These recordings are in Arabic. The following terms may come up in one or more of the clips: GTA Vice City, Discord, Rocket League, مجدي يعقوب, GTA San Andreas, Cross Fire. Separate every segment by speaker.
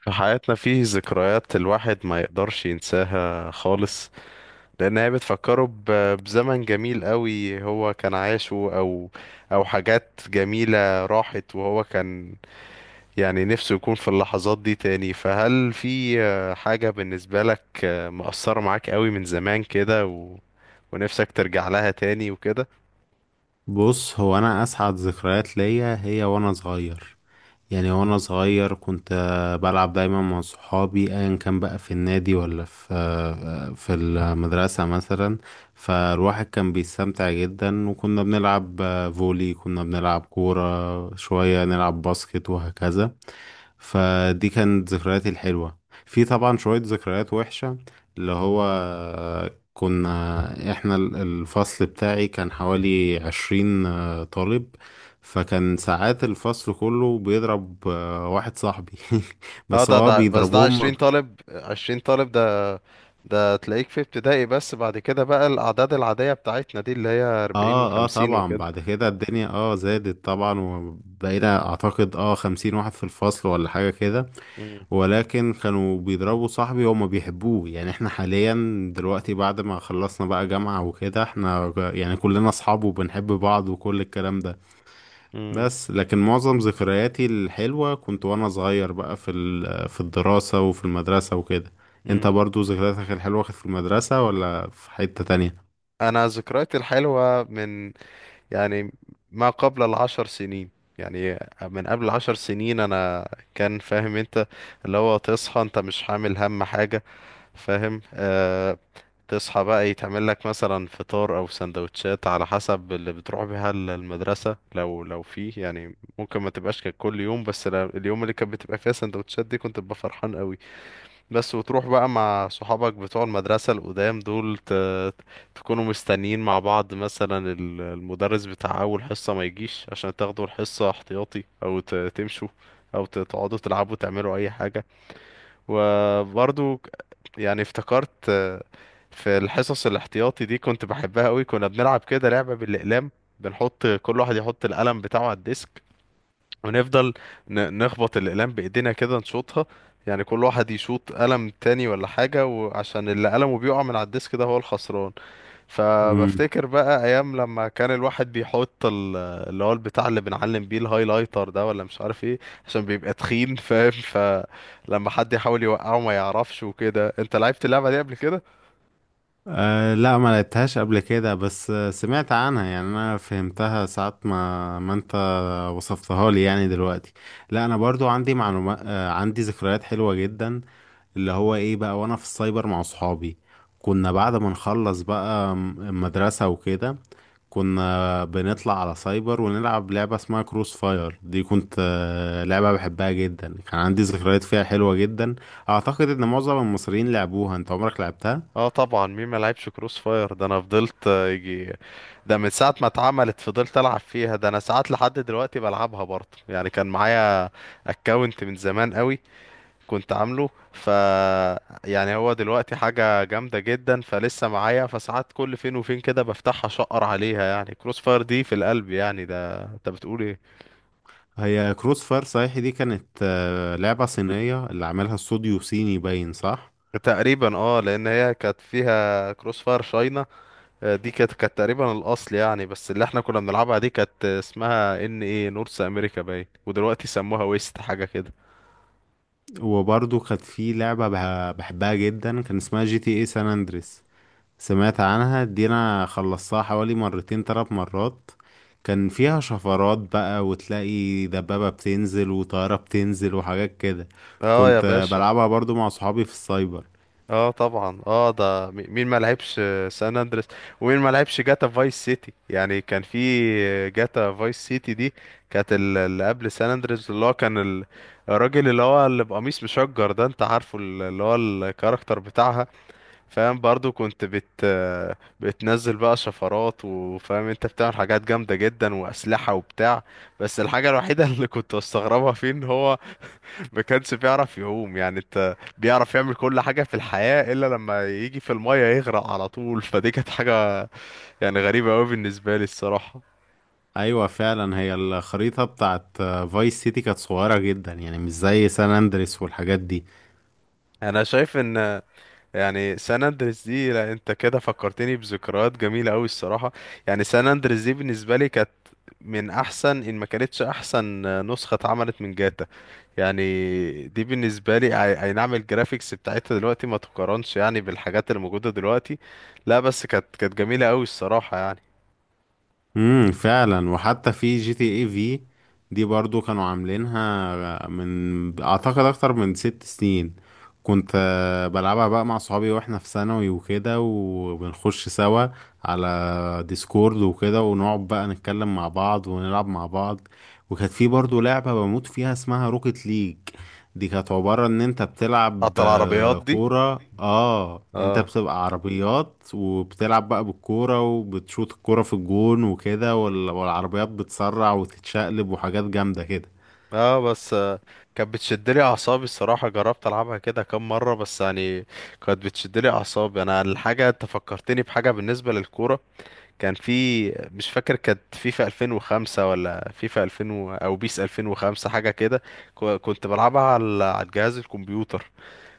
Speaker 1: في حياتنا فيه ذكريات الواحد ما يقدرش ينساها خالص، لان هي بتفكره بزمن جميل قوي هو كان عاشه او حاجات جميلة راحت، وهو كان يعني نفسه يكون في اللحظات دي تاني. فهل في حاجة بالنسبة لك مؤثرة معاك قوي من زمان كده ونفسك ترجع لها تاني وكده؟
Speaker 2: بص، هو انا اسعد ذكريات ليا هي وانا صغير. وانا صغير كنت بلعب دايما مع صحابي ايا كان بقى في النادي ولا في في المدرسة مثلا. فالواحد كان بيستمتع جدا، وكنا بنلعب فولي، كنا بنلعب كورة، شوية نلعب باسكت وهكذا. فدي كانت ذكرياتي الحلوة. في طبعا شوية ذكريات وحشة، اللي هو كنا احنا الفصل بتاعي كان حوالي 20 طالب، فكان ساعات الفصل كله بيضرب واحد صاحبي.
Speaker 1: اه،
Speaker 2: بس
Speaker 1: ده
Speaker 2: هو
Speaker 1: ده بس ده عشرين
Speaker 2: بيضربهم.
Speaker 1: طالب 20 طالب، ده تلاقيك في ابتدائي، بس بعد كده بقى الأعداد العادية بتاعتنا دي اللي هي 40
Speaker 2: اه،
Speaker 1: و50
Speaker 2: طبعا
Speaker 1: وكده.
Speaker 2: بعد كده الدنيا زادت طبعا، وبقينا اعتقد 50 واحد في الفصل ولا حاجة كده.
Speaker 1: امم.
Speaker 2: ولكن كانوا بيضربوا صاحبي، هما بيحبوه يعني. احنا حاليا دلوقتي بعد ما خلصنا بقى جامعة وكده، احنا يعني كلنا اصحاب وبنحب بعض وكل الكلام ده.
Speaker 1: امم.
Speaker 2: لكن معظم ذكرياتي الحلوة كنت وانا صغير بقى في في الدراسة وفي المدرسة وكده. انت
Speaker 1: امم.
Speaker 2: برضو ذكرياتك الحلوة كانت في المدرسة ولا في حتة تانية؟
Speaker 1: أنا ذكرياتي الحلوة من، يعني، ما قبل العشر سنين، يعني من قبل 10 سنين. أنا كان فاهم أنت اللي هو تصحى أنت مش حامل هم حاجة، فاهم؟ آه. تصحى بقى يتعمل لك مثلا فطار او سندوتشات على حسب اللي بتروح بيها المدرسة، لو فيه. يعني ممكن ما تبقاش كانت كل يوم، بس اليوم اللي كانت بتبقى فيها سندوتشات دي كنت ببقى فرحان قوي. بس وتروح بقى مع صحابك بتوع المدرسة القدام دول، تكونوا مستنيين مع بعض مثلا المدرس بتاع اول حصة ما يجيش، عشان تاخدوا الحصة احتياطي، او تمشوا، او تقعدوا تلعبوا تعملوا اي حاجة. وبرضو يعني افتكرت، في الحصص الاحتياطي دي كنت بحبها قوي. كنا بنلعب كده لعبة بالأقلام، بنحط كل واحد يحط القلم بتاعه على الديسك، ونفضل نخبط الأقلام بإيدينا كده، نشوطها. يعني كل واحد يشوط قلم تاني ولا حاجة، وعشان اللي قلمه بيقع من على الديسك ده هو الخسران.
Speaker 2: مم.
Speaker 1: فبفتكر بقى أيام لما كان الواحد بيحط اللي هو البتاع اللي بنعلم بيه، الهايلايتر ده ولا مش عارف ايه، عشان بيبقى تخين فاهم، فلما حد يحاول يوقعه ما يعرفش وكده. انت لعبت اللعبة دي قبل كده؟
Speaker 2: أه لا، ما لعبتهاش قبل كده، بس سمعت عنها. يعني انا فهمتها ساعة ما انت وصفتها لي يعني دلوقتي. لا، انا برضو عندي معلومات، عندي ذكريات حلوة جدا، اللي هو ايه بقى وانا في السايبر مع صحابي. كنا بعد ما نخلص بقى مدرسة وكده، كنا بنطلع على سايبر ونلعب لعبة اسمها كروس فاير. دي كنت لعبة بحبها جدا، كان عندي ذكريات فيها حلوة جدا. اعتقد ان معظم المصريين لعبوها، انت عمرك لعبتها؟
Speaker 1: اه طبعا، مين ما لعبش كروس فاير؟ ده انا فضلت، يجي، ده من ساعة ما اتعملت فضلت ألعب فيها. ده أنا ساعات لحد دلوقتي بلعبها برضه، يعني كان معايا اكونت من زمان قوي كنت عامله ف، يعني هو دلوقتي حاجة جامدة جدا فلسه معايا، فساعات كل فين وفين كده بفتحها شقر عليها. يعني كروس فاير دي في القلب، يعني ده انت بتقول ايه.
Speaker 2: هي كروس فاير، صحيح، دي كانت لعبة صينية، اللي عملها استوديو صيني، باين، صح.
Speaker 1: تقريبا اه، لان هي كانت فيها كروس فاير شاينا، دي كانت تقريبا الاصل يعني. بس اللي احنا كنا بنلعبها دي كانت اسمها ان ايه نورث امريكا باين، ودلوقتي سموها ويست حاجة كده.
Speaker 2: وبرضه كانت في لعبة بحبها جدا، كان اسمها جي تي اي سان اندريس، سمعت عنها دي؟ انا خلصتها حوالي 2 3 مرات. كان فيها شفرات بقى، وتلاقي دبابة بتنزل وطيارة بتنزل وحاجات كده.
Speaker 1: اه يا
Speaker 2: كنت
Speaker 1: باشا.
Speaker 2: بلعبها برضو مع صحابي في السايبر.
Speaker 1: اه طبعا، اه مين ما لعبش سان اندريس؟ ومين ما لعبش جاتا فايس سيتي؟ يعني كان في جاتا فايس سيتي دي، كانت اللي قبل سان اندريس، اللي هو كان الراجل اللي هو اللي بقميص مشجر ده، انت عارفه اللي هو الكاركتر بتاعها، فاهم؟ برضو كنت بتنزل بقى شفرات، وفاهم انت بتعمل حاجات جامدة جدا واسلحة وبتاع. بس الحاجة الوحيدة اللي كنت استغربها فيه ان هو ما كانش بيعرف يعوم، يعني انت بيعرف يعمل كل حاجة في الحياة إلا لما يجي في المية يغرق على طول فدي كانت حاجة يعني غريبة أوي بالنسبة لي الصراحة.
Speaker 2: ايوه فعلا، هي الخريطة بتاعت فايس سيتي كانت صغيرة جدا يعني، مش زي سان اندريس والحاجات دي.
Speaker 1: أنا شايف إن، يعني سان أندريس دي، لا أنت كده فكرتني بذكريات جميلة أوي الصراحة. يعني سان أندريس دي بالنسبة لي كانت من أحسن، إن ما كانتش أحسن، نسخة اتعملت من جاتا. يعني دي بالنسبة لي، أي نعم، الجرافيكس بتاعتها دلوقتي ما تقارنش يعني بالحاجات اللي موجودة دلوقتي، لا، بس كانت جميلة أوي الصراحة يعني.
Speaker 2: امم، فعلا. وحتى في جي تي اي في، دي برضو كانوا عاملينها من اعتقد اكتر من 6 سنين. كنت بلعبها بقى مع صحابي واحنا في ثانوي وكده، وبنخش سوا على ديسكورد وكده، ونقعد بقى نتكلم مع بعض ونلعب مع بعض. وكانت في برضو لعبة بموت فيها اسمها روكيت ليج، دي كانت عبارة ان انت بتلعب
Speaker 1: قطر عربيات دي.
Speaker 2: كورة. اه، انت
Speaker 1: اه.
Speaker 2: بتبقى عربيات وبتلعب بقى بالكورة، وبتشوط الكورة في الجون وكده، والعربيات بتسرع وتتشقلب وحاجات جامدة كده.
Speaker 1: اه بس، كانت بتشد لي اعصابي الصراحه. جربت العبها كده كام مره بس، يعني كانت بتشد لي اعصابي انا. الحاجه انت فكرتني بحاجه بالنسبه للكوره، كان في، مش فاكر، كانت فيفا 2005 ولا فيفا 2000 او بيس 2005 حاجه كده. كنت بلعبها على الجهاز الكمبيوتر.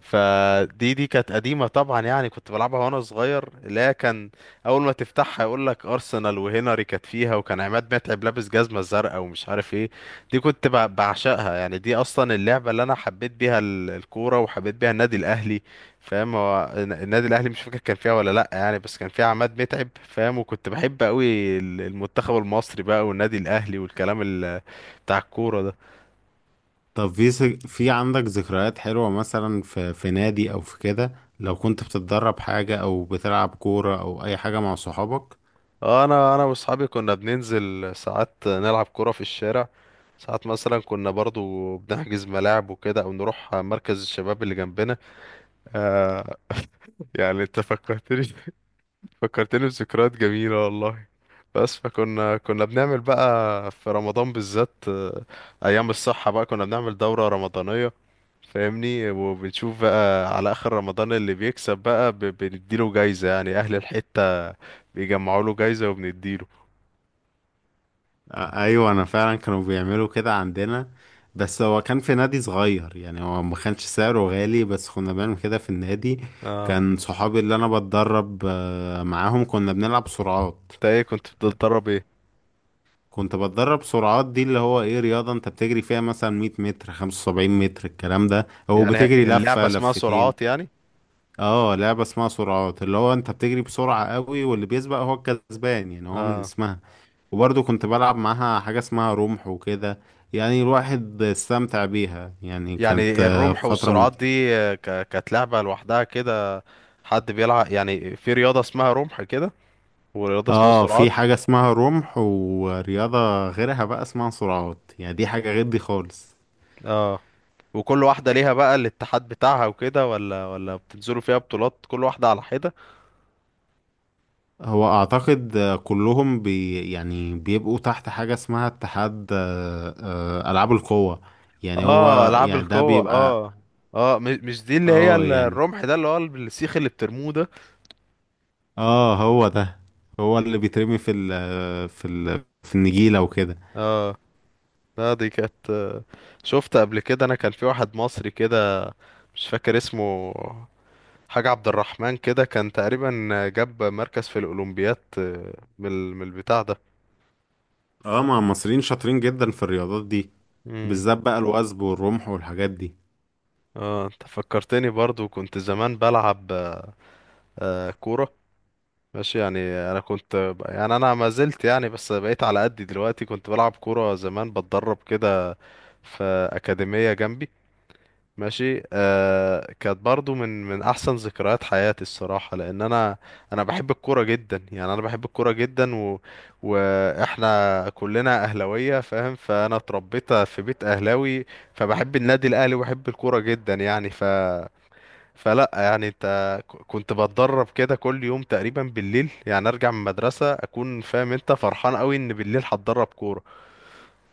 Speaker 1: فدي كانت قديمة طبعا، يعني كنت بلعبها وانا صغير. لا، كان اول ما تفتحها يقول لك ارسنال، وهنري كانت فيها، وكان عماد متعب لابس جزمة زرقاء، ومش عارف ايه. دي كنت بعشقها يعني، دي اصلا اللعبة اللي انا حبيت بيها الكورة، وحبيت بيها النادي الاهلي، فاهم؟ هو النادي الاهلي مش فاكر كان فيها ولا لا يعني، بس كان فيها عماد متعب، فاهم؟ وكنت بحب قوي المنتخب المصري بقى، والنادي الاهلي، والكلام بتاع الكورة ده.
Speaker 2: طب في في عندك ذكريات حلوة مثلا في في نادي او في كده، لو كنت بتتدرب حاجة او بتلعب كورة او اي حاجة مع صحابك؟
Speaker 1: اه، انا واصحابي كنا بننزل ساعات نلعب كرة في الشارع. ساعات مثلا كنا برضو بنحجز ملاعب وكده، او نروح مركز الشباب اللي جنبنا. آه، يعني انت فكرتني، فكرتني بذكريات جميلة والله. بس كنا بنعمل بقى في رمضان بالذات، ايام الصحة بقى، كنا بنعمل دورة رمضانية، فاهمني؟ وبنشوف بقى على اخر رمضان اللي بيكسب بقى بنديله جايزة. يعني اهل الحتة بيجمعوا له جايزة وبنديله.
Speaker 2: ايوه، انا فعلا كانوا بيعملوا كده عندنا. بس هو كان في نادي صغير، يعني هو ما كانش سعره غالي، بس كنا بنعمل كده في النادي.
Speaker 1: اه،
Speaker 2: كان صحابي اللي انا بتدرب معاهم كنا بنلعب سرعات.
Speaker 1: انت ايه كنت بتتدرب ايه؟
Speaker 2: كنت بتدرب سرعات، دي اللي هو ايه، رياضة انت بتجري فيها مثلا 100 متر، 75 متر الكلام ده، او
Speaker 1: يعني
Speaker 2: بتجري
Speaker 1: اللعبة
Speaker 2: لفة
Speaker 1: اسمها
Speaker 2: لفتين.
Speaker 1: سرعات يعني؟
Speaker 2: اه، لعبة اسمها سرعات، اللي هو انت بتجري بسرعة قوي، واللي بيسبق هو الكسبان، يعني هو من
Speaker 1: اه،
Speaker 2: اسمها. وبرضه كنت بلعب معاها حاجة اسمها رمح وكده، يعني الواحد استمتع بيها يعني، كانت
Speaker 1: يعني الرمح
Speaker 2: فترة
Speaker 1: والسرعات
Speaker 2: ممتعة.
Speaker 1: دي، كانت لعبة لوحدها كده؟ حد بيلعب يعني في رياضة اسمها رمح كده، ورياضة اسمها
Speaker 2: اه،
Speaker 1: سرعات؟
Speaker 2: في حاجة اسمها رمح ورياضة غيرها بقى اسمها سرعات، يعني دي حاجة غير دي خالص.
Speaker 1: اه. وكل واحدة ليها بقى الاتحاد بتاعها وكده، ولا بتنزلوا فيها بطولات كل واحدة على حدة؟
Speaker 2: هو اعتقد كلهم يعني بيبقوا تحت حاجة اسمها اتحاد، العاب القوة، يعني
Speaker 1: اه،
Speaker 2: هو
Speaker 1: العاب
Speaker 2: يعني ده
Speaker 1: القوة.
Speaker 2: بيبقى.
Speaker 1: اه اه، مش دي اللي هي
Speaker 2: اه يعني،
Speaker 1: الرمح ده اللي هو السيخ اللي بترموه ده؟
Speaker 2: اه هو ده، هو اللي بيترمي في ال في ال في النجيلة وكده.
Speaker 1: اه. لا دي كانت، شفت قبل كده، انا كان في واحد مصري كده مش فاكر اسمه، حاجة عبد الرحمن كده كان تقريبا، جاب مركز في الأولمبياد، من من البتاع ده.
Speaker 2: اه، ما المصريين شاطرين جدا في الرياضات دي،
Speaker 1: امم.
Speaker 2: بالذات بقى الوثب والرمح والحاجات دي.
Speaker 1: اه انت فكرتني، برضو كنت زمان بلعب كورة، ماشي يعني. انا كنت يعني انا ما زلت يعني، بس بقيت على قدي دلوقتي. كنت بلعب كورة زمان، بتدرب كده في أكاديمية جنبي، ماشي آه. كانت برضو من احسن ذكريات حياتي الصراحه، لان انا بحب الكوره جدا. يعني انا بحب الكوره جدا، واحنا كلنا اهلاويه فاهم، فانا اتربيت في بيت اهلاوي، فبحب النادي الاهلي وبحب الكوره جدا يعني. فلا يعني انت كنت بتدرب كده كل يوم تقريبا بالليل، يعني ارجع من المدرسه اكون فاهم انت فرحان قوي ان بالليل هتدرب كوره.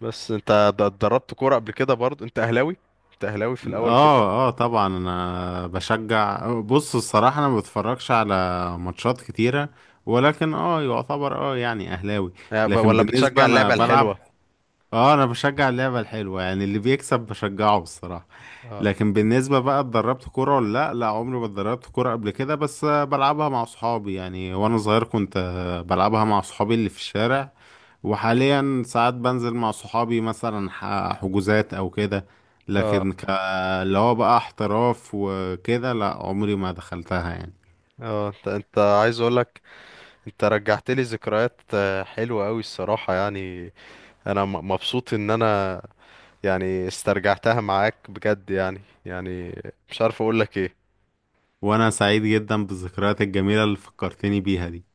Speaker 1: بس انت اتدربت كوره قبل كده؟ برضو انت اهلاوي، انت اهلاوي في الاول كده؟
Speaker 2: اه، اه طبعا انا بشجع. بص، الصراحة انا ما بتفرجش على ماتشات كتيرة، ولكن اه يعتبر يعني اهلاوي. لكن
Speaker 1: ولا
Speaker 2: بالنسبة
Speaker 1: بتشجع
Speaker 2: انا
Speaker 1: اللعبة
Speaker 2: بلعب،
Speaker 1: الحلوة؟
Speaker 2: اه انا بشجع اللعبة الحلوة يعني، اللي بيكسب بشجعه الصراحة.
Speaker 1: اه.
Speaker 2: لكن بالنسبة بقى اتدربت كورة ولا لا، لا عمري ما اتدربت كورة قبل كده، بس بلعبها مع صحابي. يعني وانا صغير كنت بلعبها مع صحابي اللي في الشارع، وحاليا ساعات بنزل مع صحابي مثلا حجوزات او كده. لكن
Speaker 1: اه.
Speaker 2: ك... اللي هو بقى احتراف وكده، لا عمري ما دخلتها يعني.
Speaker 1: اه انت عايز اقولك، انت رجعت لي ذكريات حلوة قوي الصراحة يعني، انا مبسوط ان انا يعني استرجعتها معاك بجد يعني. يعني مش عارف اقولك ايه.
Speaker 2: وانا سعيد جدا بالذكريات الجميلة اللي فكرتني بيها دي.